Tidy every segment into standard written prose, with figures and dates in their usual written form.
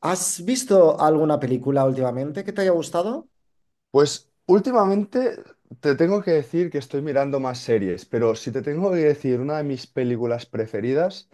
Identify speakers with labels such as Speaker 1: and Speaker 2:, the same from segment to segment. Speaker 1: ¿Has visto alguna película últimamente que te haya gustado?
Speaker 2: Pues últimamente te tengo que decir que estoy mirando más series, pero si te tengo que decir una de mis películas preferidas,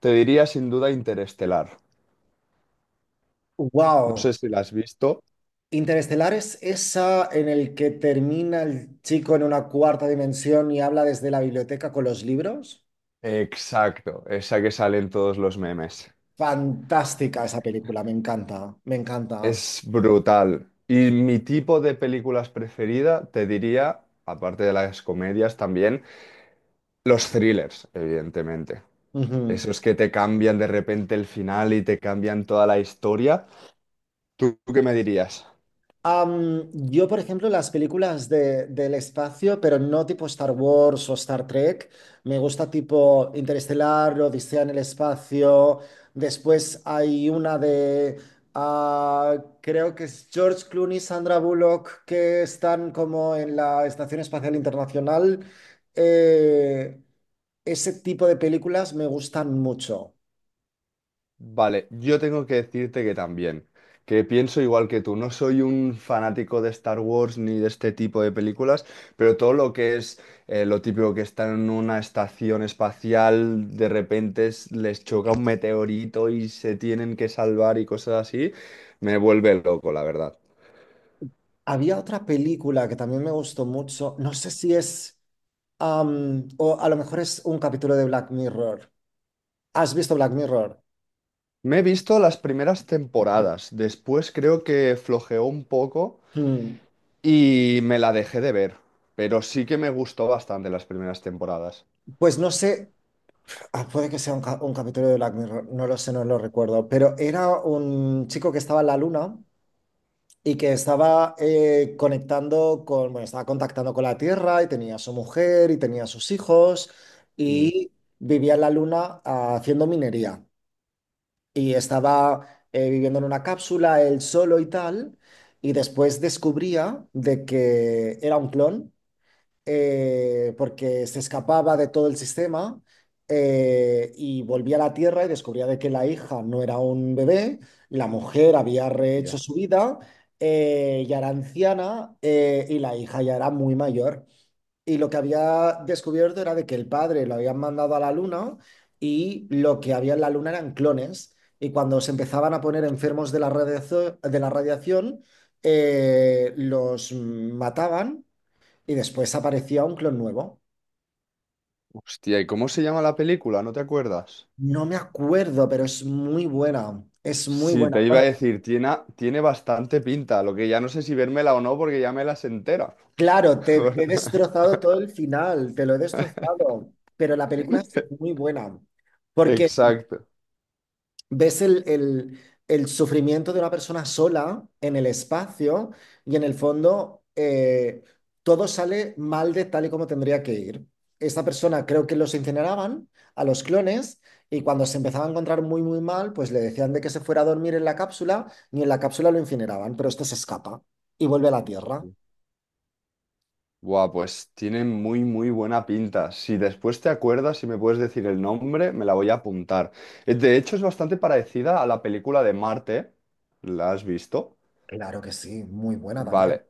Speaker 2: te diría sin duda Interestelar. No sé
Speaker 1: ¡Wow!
Speaker 2: si la has visto.
Speaker 1: Interestelar es esa en el que termina el chico en una cuarta dimensión y habla desde la biblioteca con los libros.
Speaker 2: Exacto, esa que sale en todos los memes.
Speaker 1: Fantástica esa película, me encanta, me encanta.
Speaker 2: Es brutal. Y mi tipo de películas preferida, te diría, aparte de las comedias también, los thrillers, evidentemente.
Speaker 1: Ujú.
Speaker 2: Esos que te cambian de repente el final y te cambian toda la historia. ¿Tú qué me dirías?
Speaker 1: Yo, por ejemplo, las películas del espacio, pero no tipo Star Wars o Star Trek, me gusta tipo Interestelar, Odisea en el espacio. Después hay una de, ah, creo que es George Clooney, Sandra Bullock, que están como en la Estación Espacial Internacional. Eh, Ese tipo de películas me gustan mucho.
Speaker 2: Vale, yo tengo que decirte que también, que pienso igual que tú, no soy un fanático de Star Wars ni de este tipo de películas, pero todo lo que es lo típico que están en una estación espacial, de repente les choca un meteorito y se tienen que salvar y cosas así, me vuelve loco, la verdad.
Speaker 1: Había otra película que también me gustó mucho. No sé si es, o a lo mejor es un capítulo de Black Mirror. ¿Has visto Black Mirror?
Speaker 2: Me he visto las primeras temporadas, después creo que flojeó un poco
Speaker 1: Hmm.
Speaker 2: y me la dejé de ver, pero sí que me gustó bastante las primeras temporadas.
Speaker 1: Pues no sé, puede que sea un, un capítulo de Black Mirror, no lo sé, no lo recuerdo, pero era un chico que estaba en la luna y que estaba conectando con, bueno, estaba contactando con la Tierra y tenía a su mujer y tenía a sus hijos
Speaker 2: Mm.
Speaker 1: y vivía en la luna, haciendo minería. Y estaba viviendo en una cápsula él solo y tal, y después descubría de que era un clon, porque se escapaba de todo el sistema, y volvía a la Tierra y descubría de que la hija no era un bebé, la mujer había rehecho su vida, ya era anciana, y la hija ya era muy mayor. Y lo que había descubierto era de que el padre lo habían mandado a la luna y lo que había en la luna eran clones. Y cuando se empezaban a poner enfermos de la de la radiación, los mataban y después aparecía un clon nuevo.
Speaker 2: Hostia, ¿y cómo se llama la película? ¿No te acuerdas?
Speaker 1: No me acuerdo, pero es muy buena. Es muy
Speaker 2: Sí,
Speaker 1: buena.
Speaker 2: te iba a
Speaker 1: Bueno,
Speaker 2: decir, tiene bastante pinta, lo que ya no sé si vérmela o no porque ya me las entera.
Speaker 1: claro, te he destrozado todo el final, te lo he destrozado, pero la película es muy buena. Porque
Speaker 2: Exacto.
Speaker 1: ves el el sufrimiento de una persona sola en el espacio y en el fondo, todo sale mal de tal y como tendría que ir. Esta persona creo que los incineraban a los clones y cuando se empezaba a encontrar muy muy mal, pues le decían de que se fuera a dormir en la cápsula y en la cápsula lo incineraban, pero este se escapa y vuelve a la Tierra.
Speaker 2: Hostia. Buah, pues tiene muy buena pinta. Si después te acuerdas, si me puedes decir el nombre, me la voy a apuntar. De hecho, es bastante parecida a la película de Marte. ¿La has visto?
Speaker 1: Claro que sí, muy buena
Speaker 2: Vale,
Speaker 1: también.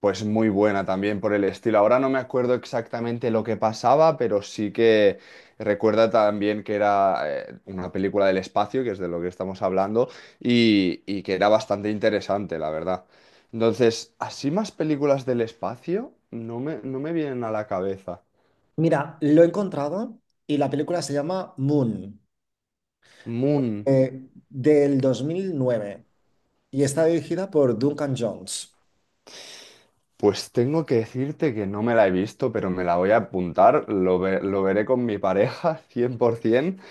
Speaker 2: pues muy buena también por el estilo. Ahora no me acuerdo exactamente lo que pasaba, pero sí que recuerda también que era una película del espacio, que es de lo que estamos hablando, y que era bastante interesante, la verdad. Entonces, así más películas del espacio no me vienen a la cabeza.
Speaker 1: Mira, lo he encontrado y la película se llama Moon,
Speaker 2: Moon,
Speaker 1: del 2009 y está dirigida por Duncan Jones.
Speaker 2: pues tengo que decirte que no me la he visto, pero me la voy a apuntar, lo veré con mi pareja 100%.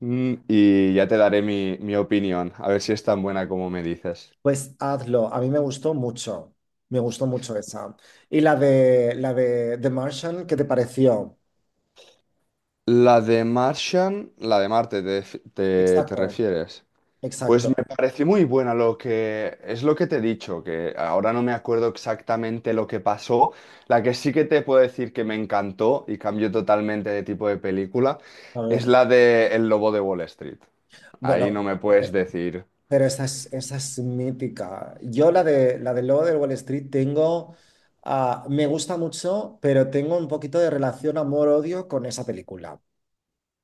Speaker 2: Mm, y ya te daré mi opinión, a ver si es tan buena como me dices.
Speaker 1: Pues hazlo, a mí me gustó mucho esa. Y la de The Martian, ¿qué te pareció?
Speaker 2: La de Martian, la de Marte, te
Speaker 1: Exacto,
Speaker 2: refieres. Pues me
Speaker 1: exacto.
Speaker 2: pareció muy buena lo que es lo que te he dicho, que ahora no me acuerdo exactamente lo que pasó. La que sí que te puedo decir que me encantó y cambió totalmente de tipo de película
Speaker 1: A
Speaker 2: es
Speaker 1: ver,
Speaker 2: la de El Lobo de Wall Street. Ahí no
Speaker 1: bueno,
Speaker 2: me
Speaker 1: eh,
Speaker 2: puedes decir.
Speaker 1: pero esa es mítica. Yo la de la del Lobo de Wall Street tengo, me gusta mucho, pero tengo un poquito de relación amor-odio con esa película.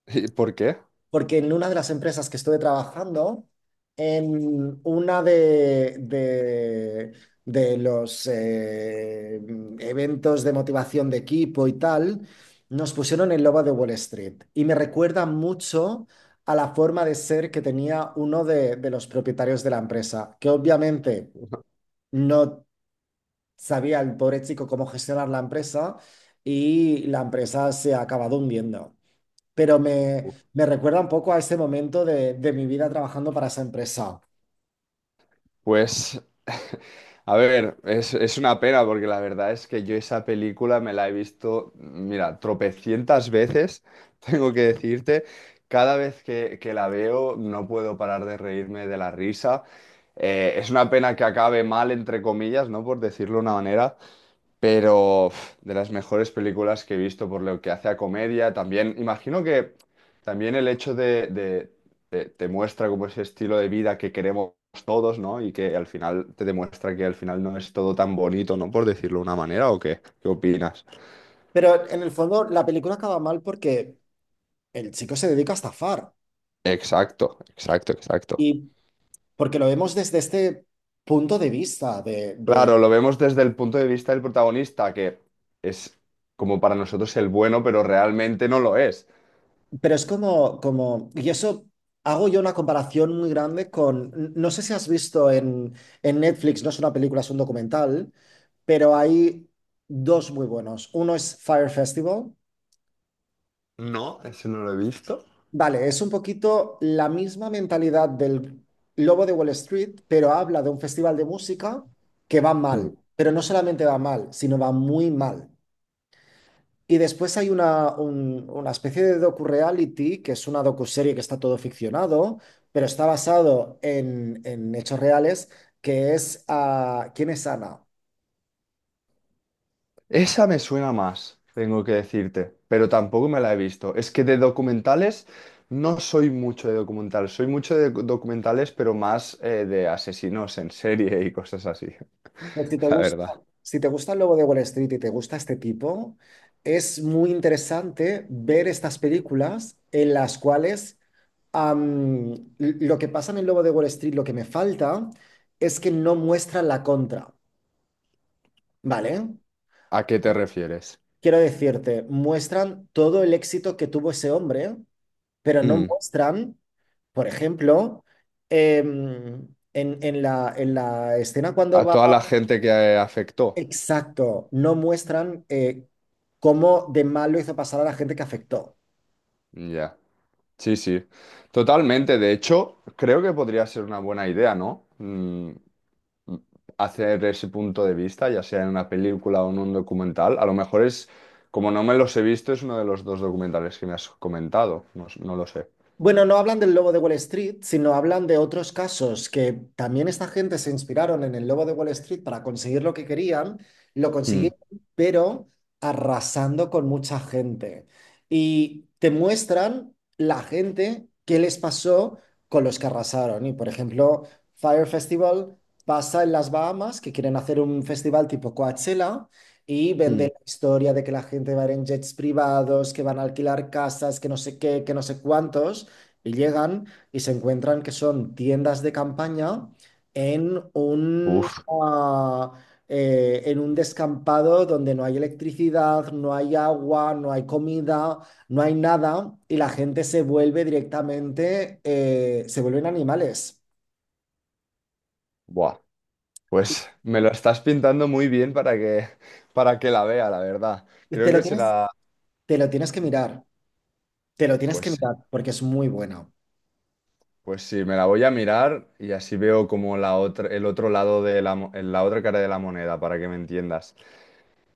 Speaker 2: ¿Y por qué?
Speaker 1: Porque en una de las empresas que estuve trabajando, en una de los eventos de motivación de equipo y tal, nos pusieron el Lobo de Wall Street y me recuerda mucho a la forma de ser que tenía uno de los propietarios de la empresa, que obviamente no sabía el pobre chico cómo gestionar la empresa y la empresa se ha acabado hundiendo, pero me recuerda un poco a ese momento de mi vida trabajando para esa empresa.
Speaker 2: Pues, a ver, es una pena porque la verdad es que yo esa película me la he visto, mira, tropecientas veces, tengo que decirte. Cada vez que la veo no puedo parar de reírme de la risa. Es una pena que acabe mal, entre comillas, ¿no? Por decirlo de una manera, pero uf, de las mejores películas que he visto por lo que hace a comedia. También, imagino que también el hecho te muestra como ese estilo de vida que queremos todos, ¿no? Y que al final te demuestra que al final no es todo tan bonito, ¿no? Por decirlo de una manera, ¿o qué? ¿Qué opinas?
Speaker 1: Pero en el fondo, la película acaba mal porque el chico se dedica a estafar
Speaker 2: Exacto, exacto, exacto.
Speaker 1: y porque lo vemos desde este punto de vista de, de...
Speaker 2: Claro, lo vemos desde el punto de vista del protagonista, que es como para nosotros el bueno, pero realmente no lo es.
Speaker 1: Pero es como, como... Y eso, hago yo una comparación muy grande con... No sé si has visto en Netflix, no es una película, es un documental, pero hay dos muy buenos. Uno es Fire Festival.
Speaker 2: No, eso no lo he visto.
Speaker 1: Vale, es un poquito la misma mentalidad del Lobo de Wall Street, pero habla de un festival de música que va mal, pero no solamente va mal, sino va muy mal. Y después hay una, una especie de docu-reality, que es una docuserie que está todo ficcionado, pero está basado en hechos reales, que es, ¿Quién es Ana?
Speaker 2: Esa me suena más, tengo que decirte, pero tampoco me la he visto. Es que de documentales no soy mucho de documentales, soy mucho de documentales, pero más de asesinos en serie y cosas así,
Speaker 1: Pues si te
Speaker 2: la
Speaker 1: gusta,
Speaker 2: verdad.
Speaker 1: si te gusta el Lobo de Wall Street y te gusta este tipo, es muy interesante ver estas películas en las cuales, am, lo que pasa en el Lobo de Wall Street, lo que me falta, es que no muestran la contra, ¿vale?
Speaker 2: ¿A qué te refieres?
Speaker 1: Quiero decirte, muestran todo el éxito que tuvo ese hombre, pero no
Speaker 2: Hmm.
Speaker 1: muestran, por ejemplo, em, en en la escena cuando
Speaker 2: A
Speaker 1: va...
Speaker 2: toda la gente que afectó.
Speaker 1: Exacto, no muestran, cómo de malo hizo pasar a la gente que afectó.
Speaker 2: Ya. Sí, sí. Totalmente. De hecho, creo que podría ser una buena idea, ¿no? Mm, hacer ese punto de vista, ya sea en una película o en un documental. A lo mejor es, como no me los he visto, es uno de los dos documentales que me has comentado. No lo sé.
Speaker 1: Bueno, no hablan del Lobo de Wall Street, sino hablan de otros casos que también esta gente se inspiraron en el Lobo de Wall Street para conseguir lo que querían, lo
Speaker 2: Mm.
Speaker 1: consiguieron, pero arrasando con mucha gente. Y te muestran la gente qué les pasó con los que arrasaron. Y por ejemplo, Fire Festival pasa en las Bahamas, que quieren hacer un festival tipo Coachella. Y
Speaker 2: Mm.
Speaker 1: venden la historia de que la gente va a ir en jets privados, que van a alquilar casas, que no sé qué, que no sé cuántos. Y llegan y se encuentran que son tiendas de campaña en un,
Speaker 2: Uf,
Speaker 1: en un descampado donde no hay electricidad, no hay agua, no hay comida, no hay nada, y la gente se vuelve directamente, se vuelven animales.
Speaker 2: buah. Pues me lo estás pintando muy bien para que la vea, la verdad.
Speaker 1: Te
Speaker 2: Creo
Speaker 1: lo
Speaker 2: que
Speaker 1: tienes,
Speaker 2: será,
Speaker 1: te lo tienes que mirar, te lo tienes
Speaker 2: pues
Speaker 1: que
Speaker 2: sí,
Speaker 1: mirar, porque es muy buena.
Speaker 2: pues sí, me la voy a mirar y así veo como la otra, el otro lado de la otra cara de la moneda, para que me entiendas.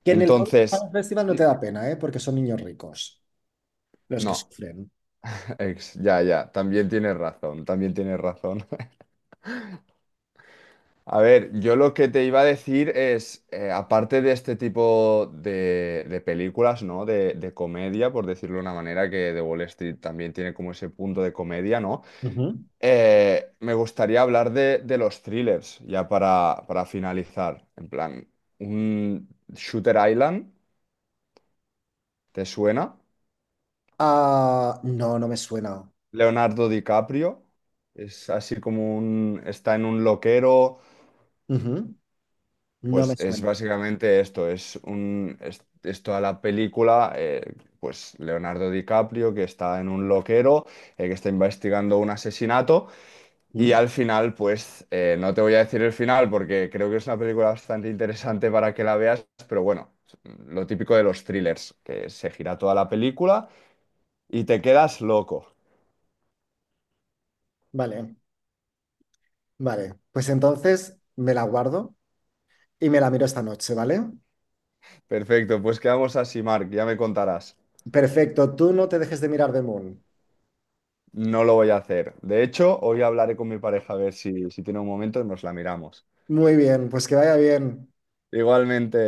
Speaker 1: Que en el fondo para
Speaker 2: Entonces,
Speaker 1: un festival no te da pena, ¿eh? Porque son niños ricos los que
Speaker 2: no.
Speaker 1: sufren.
Speaker 2: Ya, ya, también tienes razón, también tienes razón. A ver, yo lo que te iba a decir es, aparte de este tipo de películas, ¿no? De comedia, por decirlo de una manera, que The Wall Street también tiene como ese punto de comedia, ¿no?
Speaker 1: Ujú.
Speaker 2: Me gustaría hablar de los thrillers, ya para finalizar. En plan, un Shooter Island, ¿te suena?
Speaker 1: Ah, no, no me suena.
Speaker 2: Leonardo DiCaprio, es así como un, está en un loquero.
Speaker 1: Ujú, no
Speaker 2: Pues
Speaker 1: me
Speaker 2: es
Speaker 1: suena.
Speaker 2: básicamente esto, es toda la película, pues Leonardo DiCaprio que está en un loquero, que está investigando un asesinato y
Speaker 1: Mm.
Speaker 2: al final, pues no te voy a decir el final porque creo que es una película bastante interesante para que la veas, pero bueno, lo típico de los thrillers, que se gira toda la película y te quedas loco.
Speaker 1: Vale, vale. Pues entonces me la guardo y me la miro esta noche, ¿vale?
Speaker 2: Perfecto, pues quedamos así, Mark, ya me contarás.
Speaker 1: Perfecto, tú no te dejes de mirar The Moon.
Speaker 2: No lo voy a hacer. De hecho, hoy hablaré con mi pareja a ver si tiene un momento y nos la miramos.
Speaker 1: Muy bien, pues que vaya bien.
Speaker 2: Igualmente.